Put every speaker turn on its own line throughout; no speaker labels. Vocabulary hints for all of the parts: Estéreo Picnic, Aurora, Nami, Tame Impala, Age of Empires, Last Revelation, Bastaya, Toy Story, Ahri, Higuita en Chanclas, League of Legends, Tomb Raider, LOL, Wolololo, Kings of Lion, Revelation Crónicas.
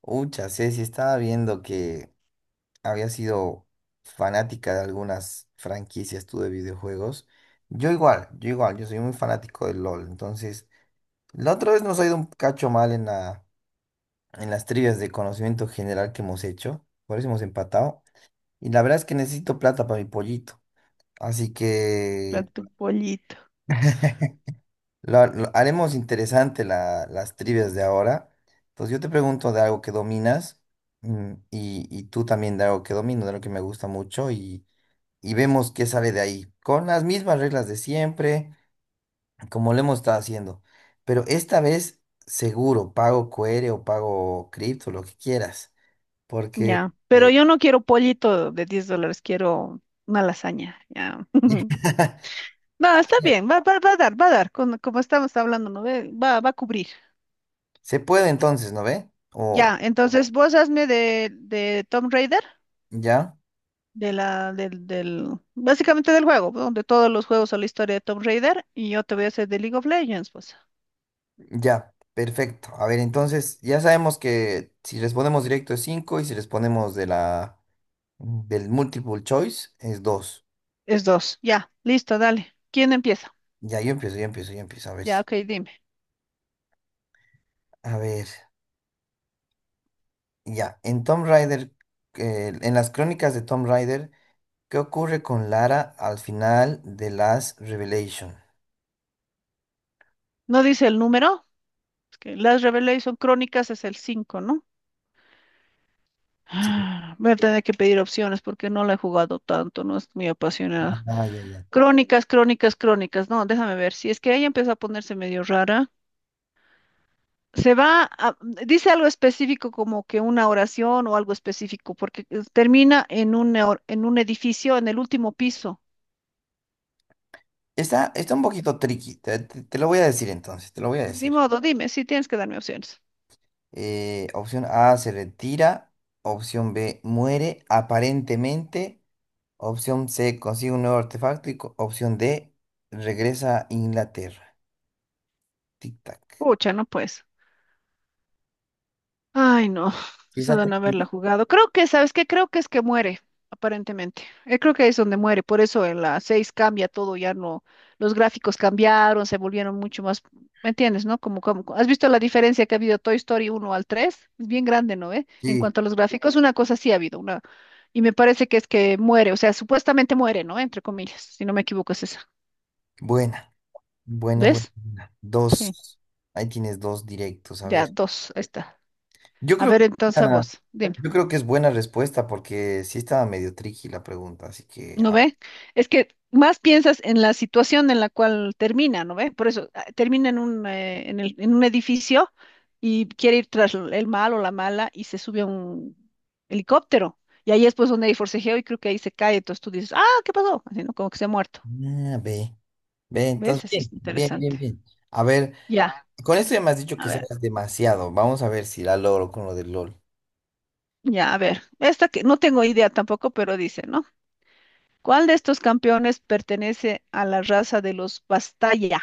Ucha, Ceci, estaba viendo que había sido fanática de algunas franquicias tú de videojuegos. Yo igual, yo igual, yo soy muy fanático del LOL. Entonces, la otra vez nos ha ido un cacho mal en las trivias de conocimiento general que hemos hecho. Por eso hemos empatado. Y la verdad es que necesito plata para mi pollito. Así
Para
que
tu pollito,
Haremos interesante las trivias de ahora. Entonces yo te pregunto de algo que dominas y tú también de algo que domino, de algo que me gusta mucho y vemos qué sale de ahí. Con las mismas reglas de siempre, como lo hemos estado haciendo. Pero esta vez seguro, pago QR o pago cripto, lo que quieras. Porque
ya. Pero yo no quiero pollito de $10, quiero una lasaña, ya. No, está
ya-
bien, va a dar, como estamos hablando, ¿no? Ve, va a cubrir.
se puede entonces, ¿no ve? O
Ya, entonces vos hazme de Tomb Raider,
ya.
del, básicamente del juego, ¿no? De todos los juegos o la historia de Tomb Raider, y yo te voy a hacer de League of Legends, pues.
Ya, perfecto. A ver, entonces ya sabemos que si respondemos directo es 5 y si respondemos de la del multiple choice es 2.
Es dos, ya, listo, dale. ¿Quién empieza?
Ya, yo empiezo, yo empiezo, yo empiezo. A ver,
Ya, ok, dime.
a ver. Ya, en Tomb Raider, en las crónicas de Tomb Raider, ¿qué ocurre con Lara al final de Last Revelation?
No dice el número, es que las Revelation Crónicas es el cinco, ¿no?
Sí.
Ah, voy a tener que pedir opciones porque no la he jugado tanto, no es muy apasionada.
Ah, ya, ya.
Crónicas, crónicas, crónicas. No, déjame ver. Si es que ella empezó a ponerse medio rara. Se va a- Dice algo específico como que una oración o algo específico, porque termina en en un edificio en el último piso.
Está un poquito tricky. Te lo voy a decir entonces, te lo voy a
Ni
decir.
modo, dime, si tienes que darme opciones.
Opción A se retira. Opción B muere aparentemente. Opción C consigue un nuevo artefacto. Y opción D regresa a Inglaterra. Tic-tac.
Pucha, no pues. Ay, no,
¿Sí
eso
está
de no haberla
tranquila?
jugado. Creo que, ¿sabes qué? Creo que es que muere, aparentemente. Creo que es donde muere. Por eso en la 6 cambia todo, ya no, los gráficos cambiaron, se volvieron mucho más, ¿me entiendes, no? Como, ¿has visto la diferencia que ha habido Toy Story uno al 3? Es bien grande, ¿no? ¿Eh? En
Sí,
cuanto a los gráficos, una cosa sí ha habido, una, y me parece que es que muere, o sea, supuestamente muere, ¿no? Entre comillas, si no me equivoco es esa.
buena. Bueno, buena.
¿Ves?
Buena.
Sí.
Dos. Ahí tienes dos directos. A
Ya,
ver.
dos, ahí está.
Yo
A
creo
ver,
que,
entonces a
ah,
vos, dime.
yo creo que es buena respuesta porque sí estaba medio tricky la pregunta. Así que, a
¿No ve?
ver.
Es que más piensas en la situación en la cual termina, ¿no ve? Por eso termina en en un edificio y quiere ir tras el malo o la mala y se sube a un helicóptero. Y ahí es pues donde hay forcejeo y creo que ahí se cae. Entonces tú dices, ah, ¿qué pasó? Así, ¿no? Como que se ha muerto.
Ah, B. B,
¿Ves?
entonces,
Así
bien,
es
bien,
interesante.
bien, bien. A ver.
Ya,
Con esto ya me has dicho
a
que
ver,
sabes demasiado. Vamos a ver si la logro con lo del LOL.
ya, a ver. Esta que no tengo idea tampoco, pero dice, ¿no? ¿Cuál de estos campeones pertenece a la raza de los Bastaya?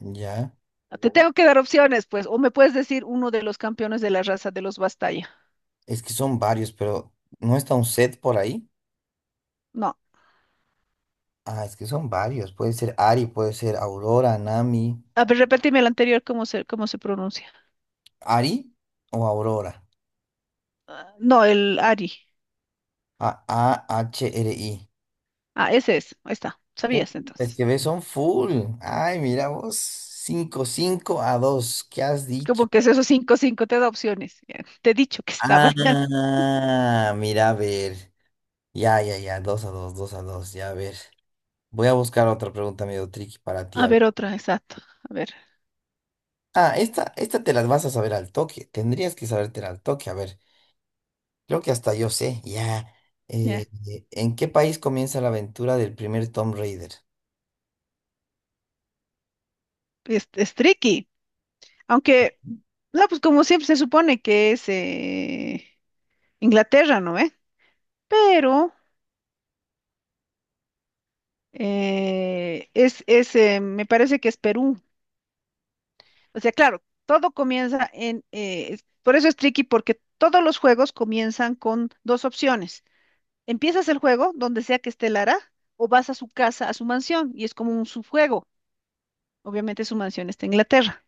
Ya.
Te tengo que dar opciones, pues, o me puedes decir uno de los campeones de la raza de los Bastaya.
Es que son varios, pero ¿no está un set por ahí?
No.
Ah, es que son varios. Puede ser Ari, puede ser Aurora, Nami.
A ver, repíteme el anterior, ¿cómo se pronuncia?
¿Ari o Aurora?
Ah, no, el Ari.
Ahri.
Ah, ese es. Ahí está.
Uh,
Sabías
Es
entonces.
que ves, son full. Ay, mira vos. Cinco 5 a 2. ¿Qué has dicho?
Como que es esos cinco, cinco, te da opciones. Ya, te he dicho que estaba ya.
Ah, mira, a ver. Ya, ya, ya. Dos a 2 2 a 2. Ya, a ver. Voy a buscar otra pregunta medio tricky para ti.
A
A ver.
ver, otra, exacto. A ver,
Ah, esta te las vas a saber al toque. Tendrías que sabértela al toque. A ver, creo que hasta yo sé, ya.
ya.
¿En qué país comienza la aventura del primer Tomb Raider?
Es tricky. Aunque, no, pues como siempre se supone que es Inglaterra, ¿no? ¿Eh? Pero es, me parece que es Perú. O sea, claro, todo comienza por eso es tricky, porque todos los juegos comienzan con dos opciones. Empiezas el juego donde sea que esté Lara o vas a su casa, a su mansión, y es como un subjuego. Obviamente su mansión está en Inglaterra,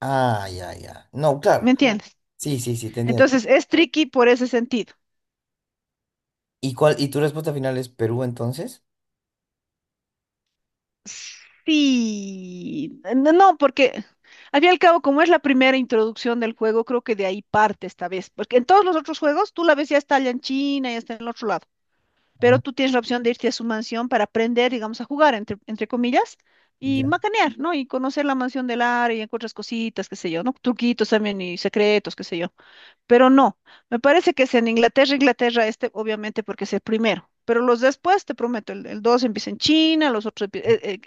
Ah, ya, ya. No,
¿me,
claro.
claro, entiendes?
Sí, sí, sí, te entiendo.
Entonces es tricky por ese sentido.
¿Y tu respuesta final es Perú entonces?
Sí, no, no, porque al fin y al cabo, como es la primera introducción del juego, creo que de ahí parte esta vez, porque en todos los otros juegos tú la ves ya está allá en China, ya está en el otro lado. Pero
Ah,
tú tienes la opción de irte a su mansión para aprender, digamos, a jugar, entre comillas, y
ya.
macanear, ¿no? Y conocer la mansión del área y encuentras cositas, qué sé yo, ¿no? Truquitos también y secretos, qué sé yo. Pero no, me parece que es en Inglaterra, Inglaterra este, obviamente, porque es el primero. Pero los después, te prometo, el dos empieza en China, los otros... empie-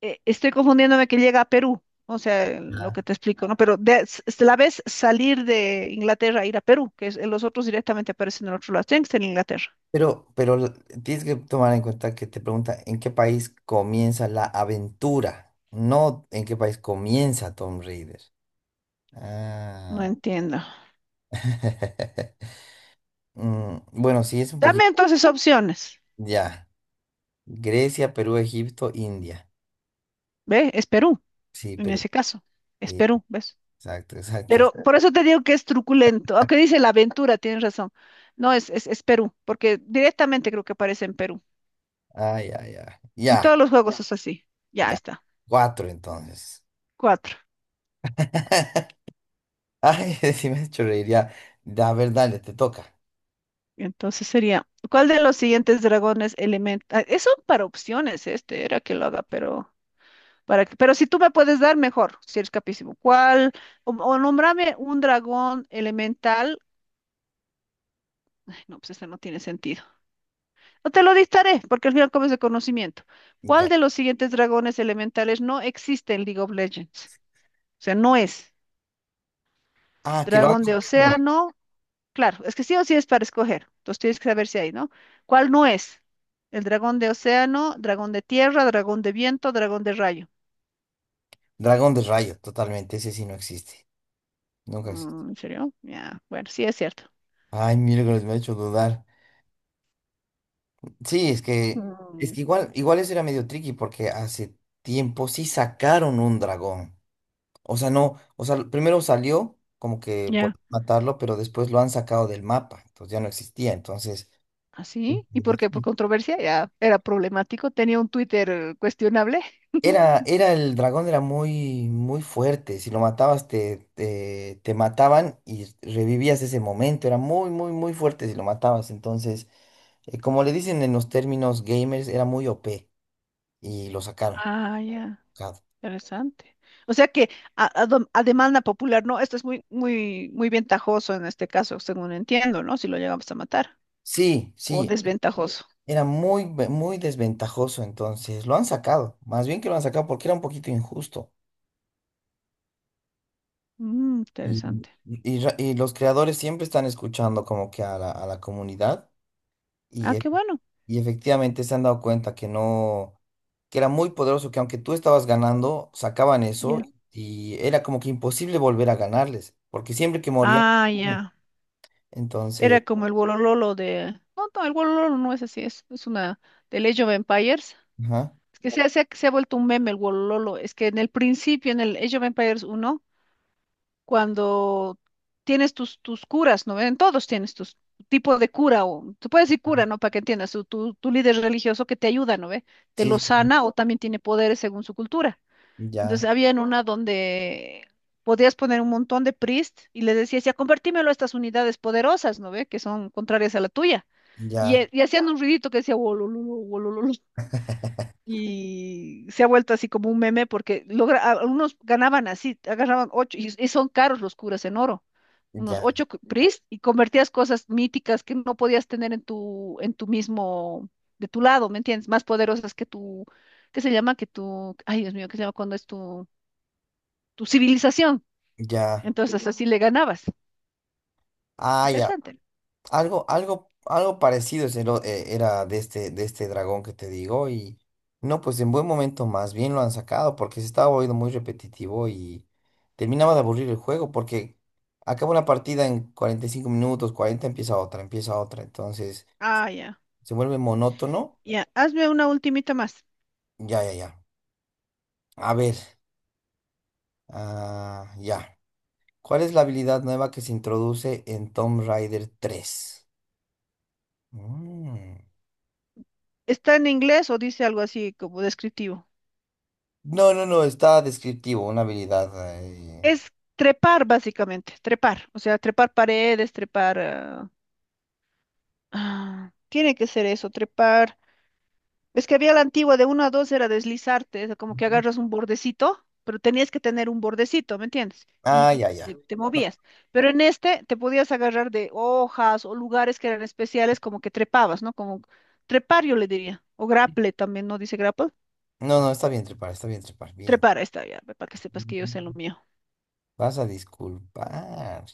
estoy confundiéndome que llega a Perú, o sea, lo que
Ah.
te explico, ¿no? Pero la ves salir de Inglaterra, ir a Perú, los otros directamente aparecen en el otro lado. Tienen que estar en Inglaterra.
Pero tienes que tomar en cuenta que te pregunta en qué país comienza la aventura, no en qué país comienza Tomb Raider.
No
Ah.
entiendo.
Bueno, sí, es un
Dame
poquito.
entonces opciones.
Ya. Grecia, Perú, Egipto, India.
¿Ve? Es Perú,
Sí,
en
Perú.
ese caso. Es
Sí,
Perú, ¿ves?
exacto, exacto.
Pero por eso te digo que es truculento. Aunque dice la aventura, tienes razón. No, es Perú, porque directamente creo que aparece en Perú.
Ay, ay, ay.
En
Ya,
todos los juegos es así. Ya
ya.
está.
Cuatro entonces.
Cuatro.
Ay, sí me has hecho reír. Ya, ya, a ver, dale, te toca.
Entonces sería, ¿cuál de los siguientes dragones elemental? Eso para opciones, este, era que lo haga, pero pero si tú me puedes dar mejor, si eres capísimo. ¿Cuál? O nómbrame un dragón elemental. No, pues este no tiene sentido. No te lo dictaré, porque al final comes de conocimiento. ¿Cuál
Ya.
de los siguientes dragones elementales no existe en League of Legends? O sea, no es.
Ah, que lo han
Dragón de
sacado.
océano, claro, es que sí o sí es para escoger. Entonces tienes que saber si hay, ¿no? ¿Cuál no es? El dragón de océano, dragón de tierra, dragón de viento, dragón de rayo.
Dragón de rayo, totalmente. Ese sí no existe. Nunca existe.
Mm, ¿en serio? Ya, bueno, sí es cierto.
Ay, miércoles, me ha hecho dudar. Sí, es que, es
Mm.
que igual, igual eso era medio tricky porque hace tiempo sí sacaron un dragón. O sea, no, o sea, primero salió como que por
Ya.
matarlo, pero después lo han sacado del mapa, entonces ya no existía. Entonces,
¿Así? ¿Y
este,
por qué? Por
sí,
controversia, ya era problemático, tenía un Twitter cuestionable.
era, era el dragón, era muy, muy fuerte. Si lo matabas, te mataban y revivías ese momento. Era muy, muy, muy fuerte si lo matabas. Entonces, como le dicen en los términos gamers, era muy OP y lo sacaron.
Ah, ya,
Sacado.
interesante. O sea que a demanda popular, no, esto es muy, muy, muy ventajoso en este caso, según entiendo, ¿no? Si lo llegamos a matar,
Sí,
o
sí,
desventajoso.
era muy desventajoso. Entonces, lo han sacado. Más bien que lo han sacado porque era un poquito injusto.
Mm,
Y,
interesante.
y ra- y los creadores siempre están escuchando como que a la comunidad y,
Ah,
e-
qué bueno.
y efectivamente se han dado cuenta que no, que era muy poderoso, que aunque tú estabas ganando, sacaban eso
Ya.
y era como que imposible volver a ganarles, porque siempre que morían,
Ah,
perdían.
ya.
Entonces,
Era como el Wolololo. No, no, el Wolololo no es así, es una de Age of Empires.
ajá,
Es que se ha vuelto un meme el Wolololo. Es que en el principio, en el Age of Empires uno, cuando tienes tus curas, ¿no? En todos tienes tus tipo de cura, o se puede decir cura, ¿no? Para que entiendas, tu líder religioso que te ayuda, ¿no ve? Te
sí,
lo
sí, sí,
sana o también tiene poderes según su cultura.
ya,
Entonces había en una donde podías poner un montón de Priest y les decías, ya convertímelo a estas unidades poderosas, ¿no ve? Que son contrarias a la tuya. Y,
ya,
e- y hacían un ruidito que decía, "Wolololo, wolololo". Y se ha vuelto así como un meme porque logra, algunos ganaban así, agarraban ocho, y son caros los curas en oro, unos
ya,
ocho Priest y convertías cosas míticas que no podías tener en tu, mismo, de tu lado, ¿me entiendes? Más poderosas que tu, ¿qué se llama? Que tu, ay Dios mío, ¿qué se llama cuando es tu civilización.
ya,
Entonces así le ganabas.
ah, ya.
Interesante.
Algo parecido era de este dragón que te digo y no, pues en buen momento más bien lo han sacado porque se estaba volviendo muy repetitivo y terminaba de aburrir el juego porque acaba una partida en 45 minutos, 40 empieza otra, entonces
Ah, ya.
se vuelve monótono.
Ya, hazme una ultimita más.
Ya, ya, ya. A ver, ah, ya. ¿Cuál es la habilidad nueva que se introduce en Tomb Raider 3? Mm.
¿Está en inglés o dice algo así como descriptivo?
No, no, no, está descriptivo, una habilidad. eh,
Es trepar básicamente, trepar. O sea, trepar paredes, trepar, tiene que ser eso, trepar. Es que había la antigua de uno a dos era deslizarte, es como que
Ujú.
agarras un bordecito, pero tenías que tener un bordecito, ¿me entiendes?
Ah,
Y
ya,
te,
ya.
te
No,
movías. Pero en este te podías agarrar de hojas o lugares que eran especiales, como que trepabas, ¿no? Como trepar, yo le diría. O grapple también, ¿no dice grapple?
no, no, está bien trepar, bien.
Trepar, ahí está ya, para que sepas que yo
Ujú.
sé lo mío.
Vas a disculpar.